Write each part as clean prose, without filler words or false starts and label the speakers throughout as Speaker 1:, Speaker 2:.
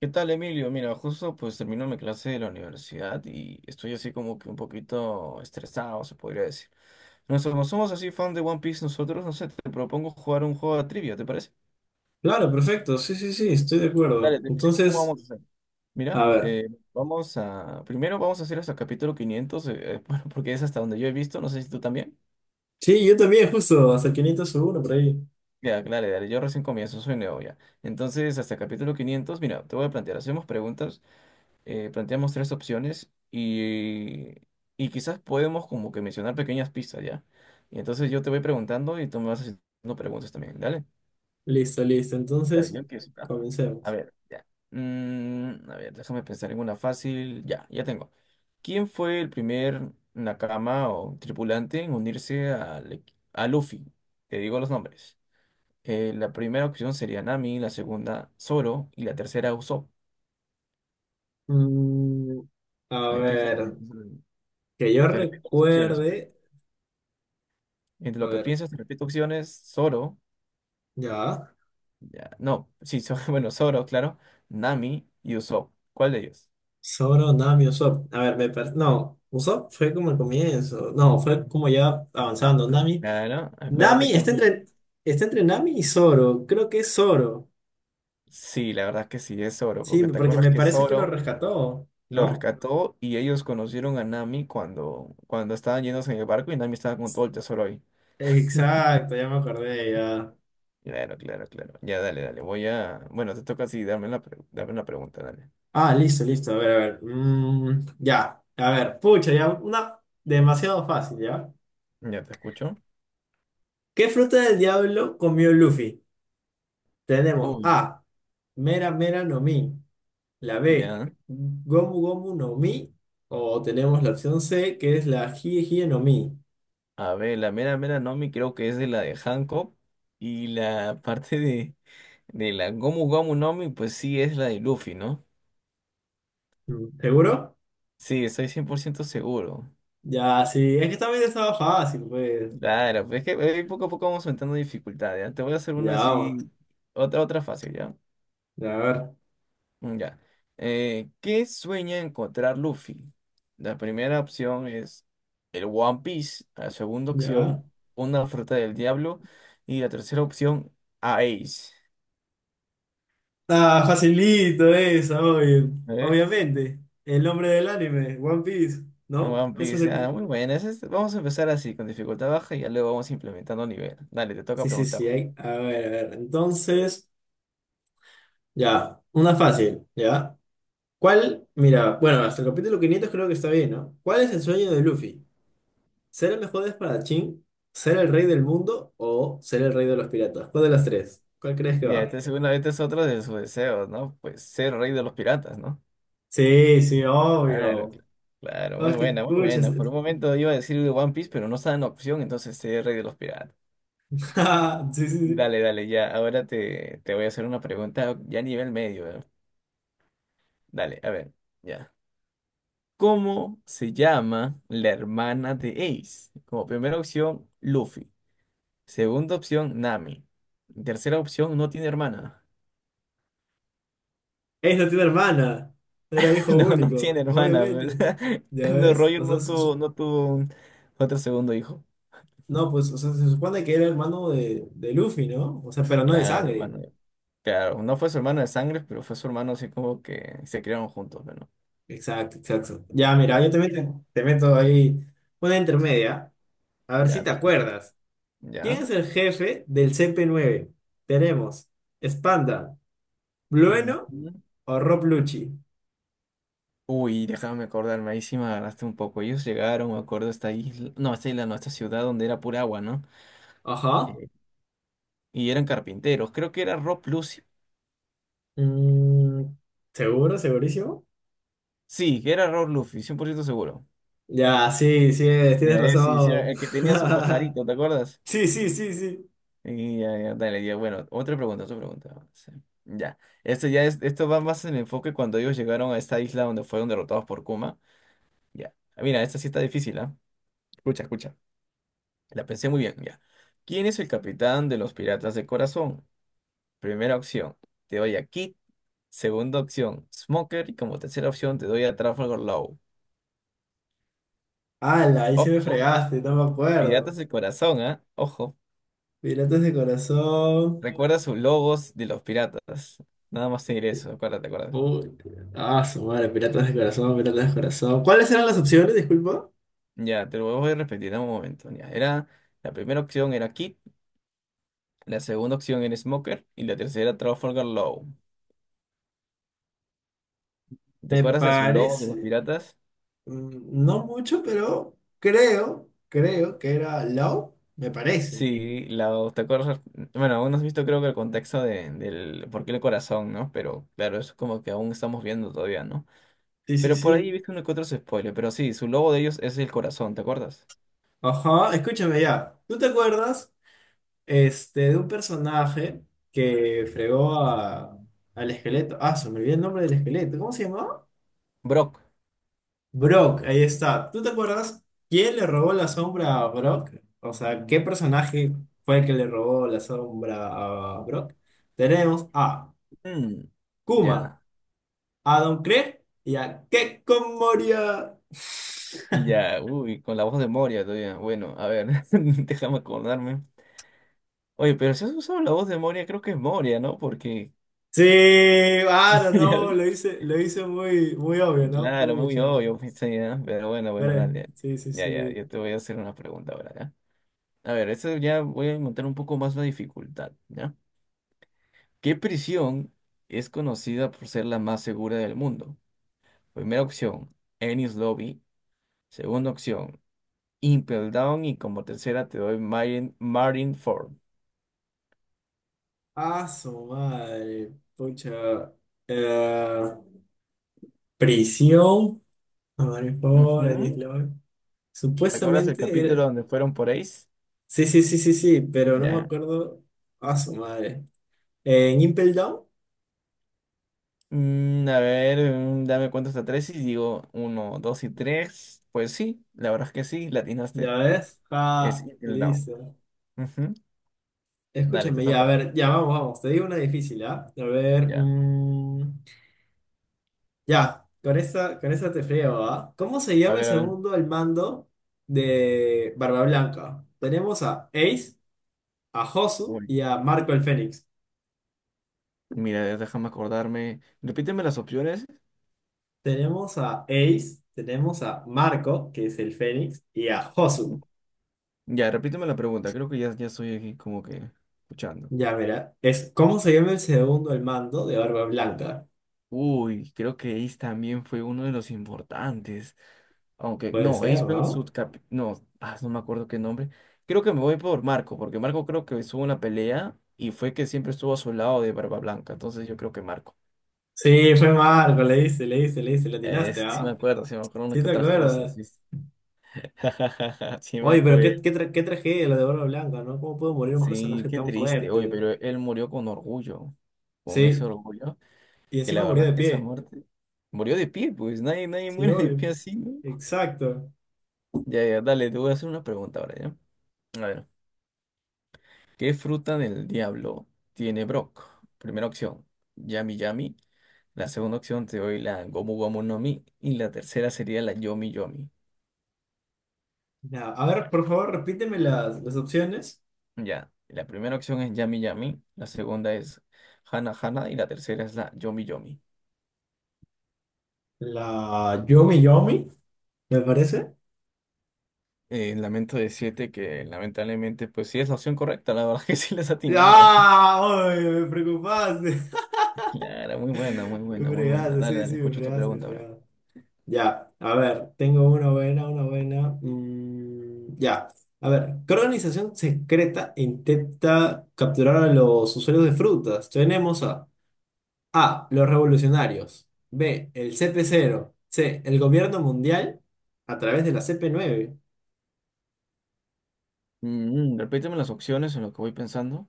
Speaker 1: ¿Qué tal, Emilio? Mira, justo pues termino mi clase de la universidad y estoy así como que un poquito estresado, se podría decir. Nosotros como somos así fan de One Piece, nosotros, no sé, te propongo jugar un juego de trivia, ¿te parece?
Speaker 2: Claro, perfecto. Sí, sí, sí, estoy de
Speaker 1: Dale,
Speaker 2: acuerdo.
Speaker 1: te explico cómo
Speaker 2: Entonces,
Speaker 1: vamos a hacer. Mira,
Speaker 2: a ver.
Speaker 1: vamos a... Primero vamos a hacer hasta el capítulo 500 bueno, porque es hasta donde yo he visto, no sé si tú también.
Speaker 2: Sí, yo también, justo, hasta 501 por ahí.
Speaker 1: Ya, claro, dale, yo recién comienzo, soy nuevo ya. Entonces, hasta el capítulo 500 mira, te voy a plantear, hacemos preguntas. Planteamos tres opciones y quizás podemos como que mencionar pequeñas pistas, ¿ya? Y entonces yo te voy preguntando y tú me vas haciendo preguntas también, dale.
Speaker 2: Listo, listo.
Speaker 1: Ya,
Speaker 2: Entonces,
Speaker 1: yo empiezo, ¿ya? A
Speaker 2: comencemos.
Speaker 1: ver, ya. A ver, déjame pensar en una fácil. Ya, ya tengo. ¿Quién fue el primer Nakama o tripulante en unirse al a Luffy? Te digo los nombres. La primera opción sería Nami, la segunda Zoro y la tercera Usopp.
Speaker 2: Mm, a
Speaker 1: Piénsalo bien,
Speaker 2: ver,
Speaker 1: piénsalo bien.
Speaker 2: que yo
Speaker 1: Te repito las opciones, ¿ok?
Speaker 2: recuerde.
Speaker 1: Entre
Speaker 2: A
Speaker 1: lo que
Speaker 2: ver,
Speaker 1: piensas, te repito opciones, Zoro,
Speaker 2: ya.
Speaker 1: ya, no, sí, Zoro, bueno, Zoro, claro, Nami y Usopp. ¿Cuál de ellos?
Speaker 2: Zoro, Nami, Usopp. A ver, no, Usopp fue como el comienzo. No, fue como ya avanzando. Nami.
Speaker 1: Claro, acuérdate
Speaker 2: Nami
Speaker 1: quién
Speaker 2: está
Speaker 1: fue.
Speaker 2: entre, está entre Nami y Zoro. Creo que es Zoro.
Speaker 1: Sí, la verdad es que sí, es Zoro,
Speaker 2: Sí,
Speaker 1: porque te
Speaker 2: porque
Speaker 1: acuerdas
Speaker 2: me
Speaker 1: que
Speaker 2: parece que lo
Speaker 1: Zoro
Speaker 2: rescató,
Speaker 1: lo
Speaker 2: ¿no?
Speaker 1: rescató y ellos conocieron a Nami cuando estaban yéndose en el barco y Nami estaba con todo el tesoro ahí.
Speaker 2: Exacto, ya me acordé, ya.
Speaker 1: Claro, claro, claro. Ya, dale, dale. Voy a. Bueno, te toca así, darme darme la pregunta, dale.
Speaker 2: Ah, listo, listo, a ver, a ver. Ya, a ver, pucha, ya, una demasiado fácil, ¿ya?
Speaker 1: Ya te escucho.
Speaker 2: ¿Qué fruta del diablo comió Luffy? Tenemos
Speaker 1: Uy,
Speaker 2: A, Mera Mera no Mi, la B,
Speaker 1: ya.
Speaker 2: Gomu Gomu no Mi, o tenemos la opción C, que es la Hie Hie no Mi.
Speaker 1: A ver, la Mera Mera Nomi creo que es de la de Hancock y la parte de la Gomu Gomu Nomi pues sí es la de Luffy, ¿no?
Speaker 2: ¿Seguro?
Speaker 1: Sí, estoy 100% seguro.
Speaker 2: Ya, sí, es que también estaba fácil, pues.
Speaker 1: Claro, pues es que poco a poco vamos aumentando dificultad, ¿ya? Te voy a hacer una
Speaker 2: Ya, vamos,
Speaker 1: así, otra fácil, ¿ya?
Speaker 2: a ver,
Speaker 1: Ya. ¿Qué sueña encontrar Luffy? La primera opción es el One Piece, la segunda
Speaker 2: ya.
Speaker 1: opción, una fruta del diablo y la tercera opción, a Ace.
Speaker 2: Ah, facilito eso, obvio. Obviamente. El nombre del anime, One Piece,
Speaker 1: En
Speaker 2: ¿no?
Speaker 1: One
Speaker 2: Eso es
Speaker 1: Piece,
Speaker 2: lo que...
Speaker 1: ah, muy buena. Este, vamos a empezar así, con dificultad baja, y ya luego vamos implementando nivel. Dale, te toca
Speaker 2: Sí, sí, sí.
Speaker 1: preguntarme.
Speaker 2: A ver, a ver. Entonces, ya. Una fácil, ¿ya? ¿Cuál? Mira, bueno, hasta el capítulo 500 creo que está bien, ¿no? ¿Cuál es el sueño de Luffy? ¿Ser el mejor espadachín? ¿Ser el rey del mundo? ¿O ser el rey de los piratas? ¿Cuál de las tres? ¿Cuál crees que
Speaker 1: Mira,
Speaker 2: va?
Speaker 1: este segundo, este es otro de sus deseos, ¿no? Pues ser rey de los piratas, ¿no?
Speaker 2: Sí, sí,
Speaker 1: Claro,
Speaker 2: obvio.
Speaker 1: claro,
Speaker 2: Ah,
Speaker 1: muy
Speaker 2: es que,
Speaker 1: buena, muy
Speaker 2: pucha,
Speaker 1: buena. Por un momento iba a decir de One Piece, pero no estaba en opción, entonces ser rey de los piratas.
Speaker 2: sí, sí, sí.
Speaker 1: Dale, dale, ya. Ahora te voy a hacer una pregunta ya a nivel medio, ¿eh? Dale, a ver, ya. ¿Cómo se llama la hermana de Ace? Como primera opción, Luffy. Segunda opción, Nami. Tercera opción, no tiene hermana.
Speaker 2: No tiene hermana. Era hijo
Speaker 1: No, no
Speaker 2: único,
Speaker 1: tiene hermana, pues.
Speaker 2: obviamente. ¿Ya
Speaker 1: No,
Speaker 2: ves?
Speaker 1: Roger
Speaker 2: O sea,
Speaker 1: no tuvo, otro segundo hijo.
Speaker 2: no, pues, o sea, se supone que era hermano de Luffy, ¿no? O sea, pero no de
Speaker 1: Claro,
Speaker 2: sangre.
Speaker 1: hermano. Claro, no fue su hermano de sangre, pero fue su hermano así como que se criaron juntos, bueno.
Speaker 2: Exacto, exacto. Ya, mira, yo también te meto ahí una intermedia. A ver si
Speaker 1: Ya
Speaker 2: te
Speaker 1: te escucho.
Speaker 2: acuerdas. ¿Quién
Speaker 1: Ya.
Speaker 2: es el jefe del CP9? Tenemos Spanda, Blueno
Speaker 1: Ujú.
Speaker 2: o Rob Lucci.
Speaker 1: Uy, déjame acordarme, ahí sí me agarraste un poco. Ellos llegaron, me acuerdo, a esta isla, no, a esta ciudad donde era pura agua, ¿no?
Speaker 2: Ajá.
Speaker 1: Eh, y eran carpinteros. Creo que era Rob Lucy.
Speaker 2: Mm, ¿Seguro? ¿Segurísimo?
Speaker 1: Sí, que era Rob Luffy, 100% seguro.
Speaker 2: Ya, sí, sí, tienes
Speaker 1: Ya, sí, sí,
Speaker 2: razón.
Speaker 1: el que tenía su pajarito, ¿te acuerdas?
Speaker 2: Sí, sí, sí, sí.
Speaker 1: Y ya, ya, dale, ya, bueno, otra pregunta, otra pregunta. Sí. Ya, esto va más en el enfoque cuando ellos llegaron a esta isla donde fueron derrotados por Kuma. Ya, ah, mira, esta sí está difícil, ¿ah? Escucha, escucha. La pensé muy bien, ya. ¿Quién es el capitán de los piratas de corazón? Primera opción, te doy a Kid. Segunda opción, Smoker. Y como tercera opción, te doy a Trafalgar Law.
Speaker 2: ¡Hala! Ahí se me
Speaker 1: Ojo,
Speaker 2: fregaste, no me
Speaker 1: piratas
Speaker 2: acuerdo.
Speaker 1: de corazón, ¿ah? Ojo.
Speaker 2: Piratas de corazón.
Speaker 1: Recuerda sus logos de los piratas. Nada más te diré eso, acuérdate, acuérdate.
Speaker 2: Puta. Ah, su madre, piratas de corazón, piratas de corazón. ¿Cuáles eran las opciones? Disculpa.
Speaker 1: Ya, te lo voy a repetir en un momento. Ya, era, la primera opción era Kid, la segunda opción era Smoker y la tercera Trafalgar Law. ¿Te
Speaker 2: Me
Speaker 1: acuerdas de sus logos de los
Speaker 2: parece,
Speaker 1: piratas?
Speaker 2: no mucho, pero creo que era Low, me parece.
Speaker 1: Sí, la, te acuerdas, bueno, aún no has visto creo que el contexto del por qué el corazón, ¿no? Pero claro, eso es como que aún estamos viendo todavía, ¿no?
Speaker 2: Sí, sí,
Speaker 1: Pero por ahí
Speaker 2: sí.
Speaker 1: viste uno que otro spoiler, pero sí, su logo de ellos es el corazón, ¿te acuerdas?
Speaker 2: Ajá, escúchame ya. ¿Tú te acuerdas, de un personaje que fregó al esqueleto? Ah, se me olvidó el nombre del esqueleto. ¿Cómo se llamaba?
Speaker 1: Brock.
Speaker 2: Brock, ahí está. ¿Tú te acuerdas quién le robó la sombra a Brock? O sea, ¿qué personaje fue el que le robó la sombra a Brock? Tenemos a
Speaker 1: Mm,
Speaker 2: Kuma,
Speaker 1: ya.
Speaker 2: a Don Krieg y a Kekko Moria.
Speaker 1: Ya, uy, con la voz de Moria todavía. Bueno, a ver, déjame acordarme. Oye, pero si has usado la voz de Moria, creo que es Moria, ¿no? Porque,
Speaker 2: Sí, ah,
Speaker 1: ya,
Speaker 2: no, no, lo hice muy, muy obvio, ¿no?
Speaker 1: claro, muy
Speaker 2: Pucha,
Speaker 1: obvio, pues, sí, ¿ah? Pero bueno, bueno,
Speaker 2: veré,
Speaker 1: dale.
Speaker 2: sí, sí,
Speaker 1: Ya, ya, ya,
Speaker 2: sí.
Speaker 1: yo te voy a hacer una pregunta ahora, ¿ya? A ver, esto ya voy a montar un poco más la dificultad, ¿ya? ¿Qué prisión es conocida por ser la más segura del mundo? Primera opción, Ennis Lobby. Segunda opción, Impel Down. Y como tercera te doy Marine, Marineford.
Speaker 2: Ah, su madre, pucha. Eh, prisión, a
Speaker 1: Ujú.
Speaker 2: Maripol,
Speaker 1: ¿Te acuerdas el
Speaker 2: supuestamente
Speaker 1: capítulo
Speaker 2: era...
Speaker 1: donde fueron por Ace?
Speaker 2: Sí, sí, sí, sí, sí, pero no me
Speaker 1: Ya.
Speaker 2: acuerdo a su madre. En Impel Down,
Speaker 1: A ver, dame cuenta hasta tres y digo uno, dos y tres. Pues sí, la verdad es que sí, latinaste.
Speaker 2: ya ves.
Speaker 1: Es
Speaker 2: Ah,
Speaker 1: Until Down.
Speaker 2: listo.
Speaker 1: Ujú. Dale, te
Speaker 2: Escúchame, ya, a
Speaker 1: toca.
Speaker 2: ver, ya vamos, vamos. Te digo una difícil, ¿ah? A ver,
Speaker 1: Ya.
Speaker 2: ya, con esta te friego, ¿ah? ¿Cómo se
Speaker 1: A
Speaker 2: llama el
Speaker 1: ver, a ver.
Speaker 2: segundo al mando de Barba Blanca? Tenemos a Ace, a Josu
Speaker 1: Uy,
Speaker 2: y a Marco el Fénix.
Speaker 1: mira, déjame acordarme. Repíteme las opciones.
Speaker 2: Tenemos a Ace, tenemos a Marco, que es el Fénix, y a Josu.
Speaker 1: Ujú. Ya, repíteme la pregunta. Creo que ya, ya estoy aquí como que escuchando.
Speaker 2: Ya, mira. ¿Cómo se llama el segundo el mando de Barba Blanca?
Speaker 1: Uy, creo que Ace también fue uno de los importantes. Aunque,
Speaker 2: Puede
Speaker 1: no,
Speaker 2: ser,
Speaker 1: Ace fue un
Speaker 2: ¿no?
Speaker 1: subcap... No, ah, no me acuerdo qué nombre. Creo que me voy por Marco, porque Marco creo que estuvo en una pelea y fue que siempre estuvo a su lado de Barba Blanca. Entonces yo creo que Marco.
Speaker 2: Sí, fue Marco, le dice, le atinaste,
Speaker 1: Sí me
Speaker 2: ¿ah?
Speaker 1: acuerdo, sí me acuerdo una
Speaker 2: Sí
Speaker 1: que
Speaker 2: te
Speaker 1: otras cosas,
Speaker 2: acuerdas.
Speaker 1: ¿viste? Sí me
Speaker 2: Oye, pero
Speaker 1: acuerdo.
Speaker 2: qué tragedia lo de Barba Blanca, ¿no? ¿Cómo pudo morir un
Speaker 1: Sí,
Speaker 2: personaje
Speaker 1: qué
Speaker 2: tan
Speaker 1: triste. Oye,
Speaker 2: fuerte?
Speaker 1: pero él murió con orgullo. Con ese
Speaker 2: Sí,
Speaker 1: orgullo,
Speaker 2: y
Speaker 1: que la
Speaker 2: encima murió
Speaker 1: verdad
Speaker 2: de
Speaker 1: es que esa
Speaker 2: pie.
Speaker 1: muerte... Murió de pie, pues nadie, nadie
Speaker 2: Sí,
Speaker 1: muere de
Speaker 2: obvio.
Speaker 1: pie así, ¿no?
Speaker 2: Exacto.
Speaker 1: Ya, ya, dale, te voy a hacer una pregunta ahora, ¿ya? A ver, ¿qué fruta del diablo tiene Brock? Primera opción, Yami Yami. La segunda opción te doy la Gomu Gomu no Mi. Y la tercera sería la Yomi Yomi.
Speaker 2: Ya, a ver, por favor, repíteme las opciones.
Speaker 1: Ya, la primera opción es Yami Yami. La segunda es Hana Hana. Y la tercera es la Yomi Yomi.
Speaker 2: La Yomi Yomi, me parece.
Speaker 1: Lamento decirte que lamentablemente, pues sí es la opción correcta. La verdad que sí les has atinado.
Speaker 2: ¡Ah! Oye, me preocupaste.
Speaker 1: Claro, muy buena, muy buena,
Speaker 2: Me
Speaker 1: muy buena.
Speaker 2: fregaste,
Speaker 1: Dale,
Speaker 2: sí,
Speaker 1: dale,
Speaker 2: sí, me
Speaker 1: escucho tu
Speaker 2: fregaste, me
Speaker 1: pregunta, bro.
Speaker 2: fregaste. Ya, a ver, tengo una buena, una buena. Ya, a ver, ¿qué organización secreta intenta capturar a los usuarios de frutas? Tenemos a A, los revolucionarios, B, el CP0, C, el gobierno mundial a través de la CP9.
Speaker 1: Repíteme las opciones en lo que voy pensando.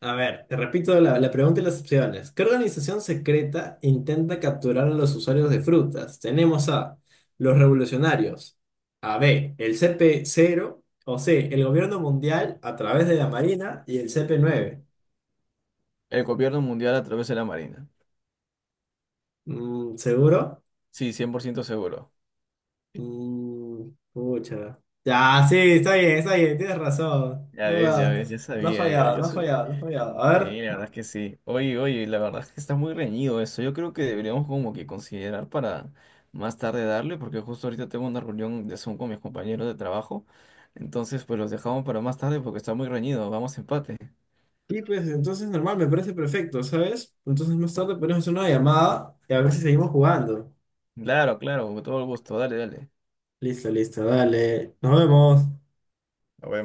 Speaker 2: A ver, te repito la pregunta y las opciones. ¿Qué organización secreta intenta capturar a los usuarios de frutas? Tenemos a los revolucionarios, a B, el CP0, o C, el gobierno mundial a través de la Marina y el CP9.
Speaker 1: El gobierno mundial a través de la Marina.
Speaker 2: ¿Seguro?
Speaker 1: Sí, 100% seguro.
Speaker 2: Pucha. Ya, sí, está bien, tienes razón.
Speaker 1: Ya
Speaker 2: No,
Speaker 1: ves, ya ves, ya
Speaker 2: no ha
Speaker 1: sabía yo.
Speaker 2: fallado,
Speaker 1: Yo
Speaker 2: no ha
Speaker 1: soy.
Speaker 2: fallado, no ha fallado. A
Speaker 1: Sí,
Speaker 2: ver.
Speaker 1: la verdad es que sí. Oye, oye, la verdad es que está muy reñido eso. Yo creo que deberíamos como que considerar para más tarde darle, porque justo ahorita tengo una reunión de Zoom con mis compañeros de trabajo. Entonces, pues los dejamos para más tarde porque está muy reñido. Vamos a empate.
Speaker 2: Sí, pues entonces normal, me parece perfecto, ¿sabes? Entonces más tarde podemos hacer una llamada y a ver si seguimos jugando.
Speaker 1: Claro, claro, con todo el gusto. Dale, dale.
Speaker 2: Listo, listo, dale. Nos vemos.
Speaker 1: Nos vemos.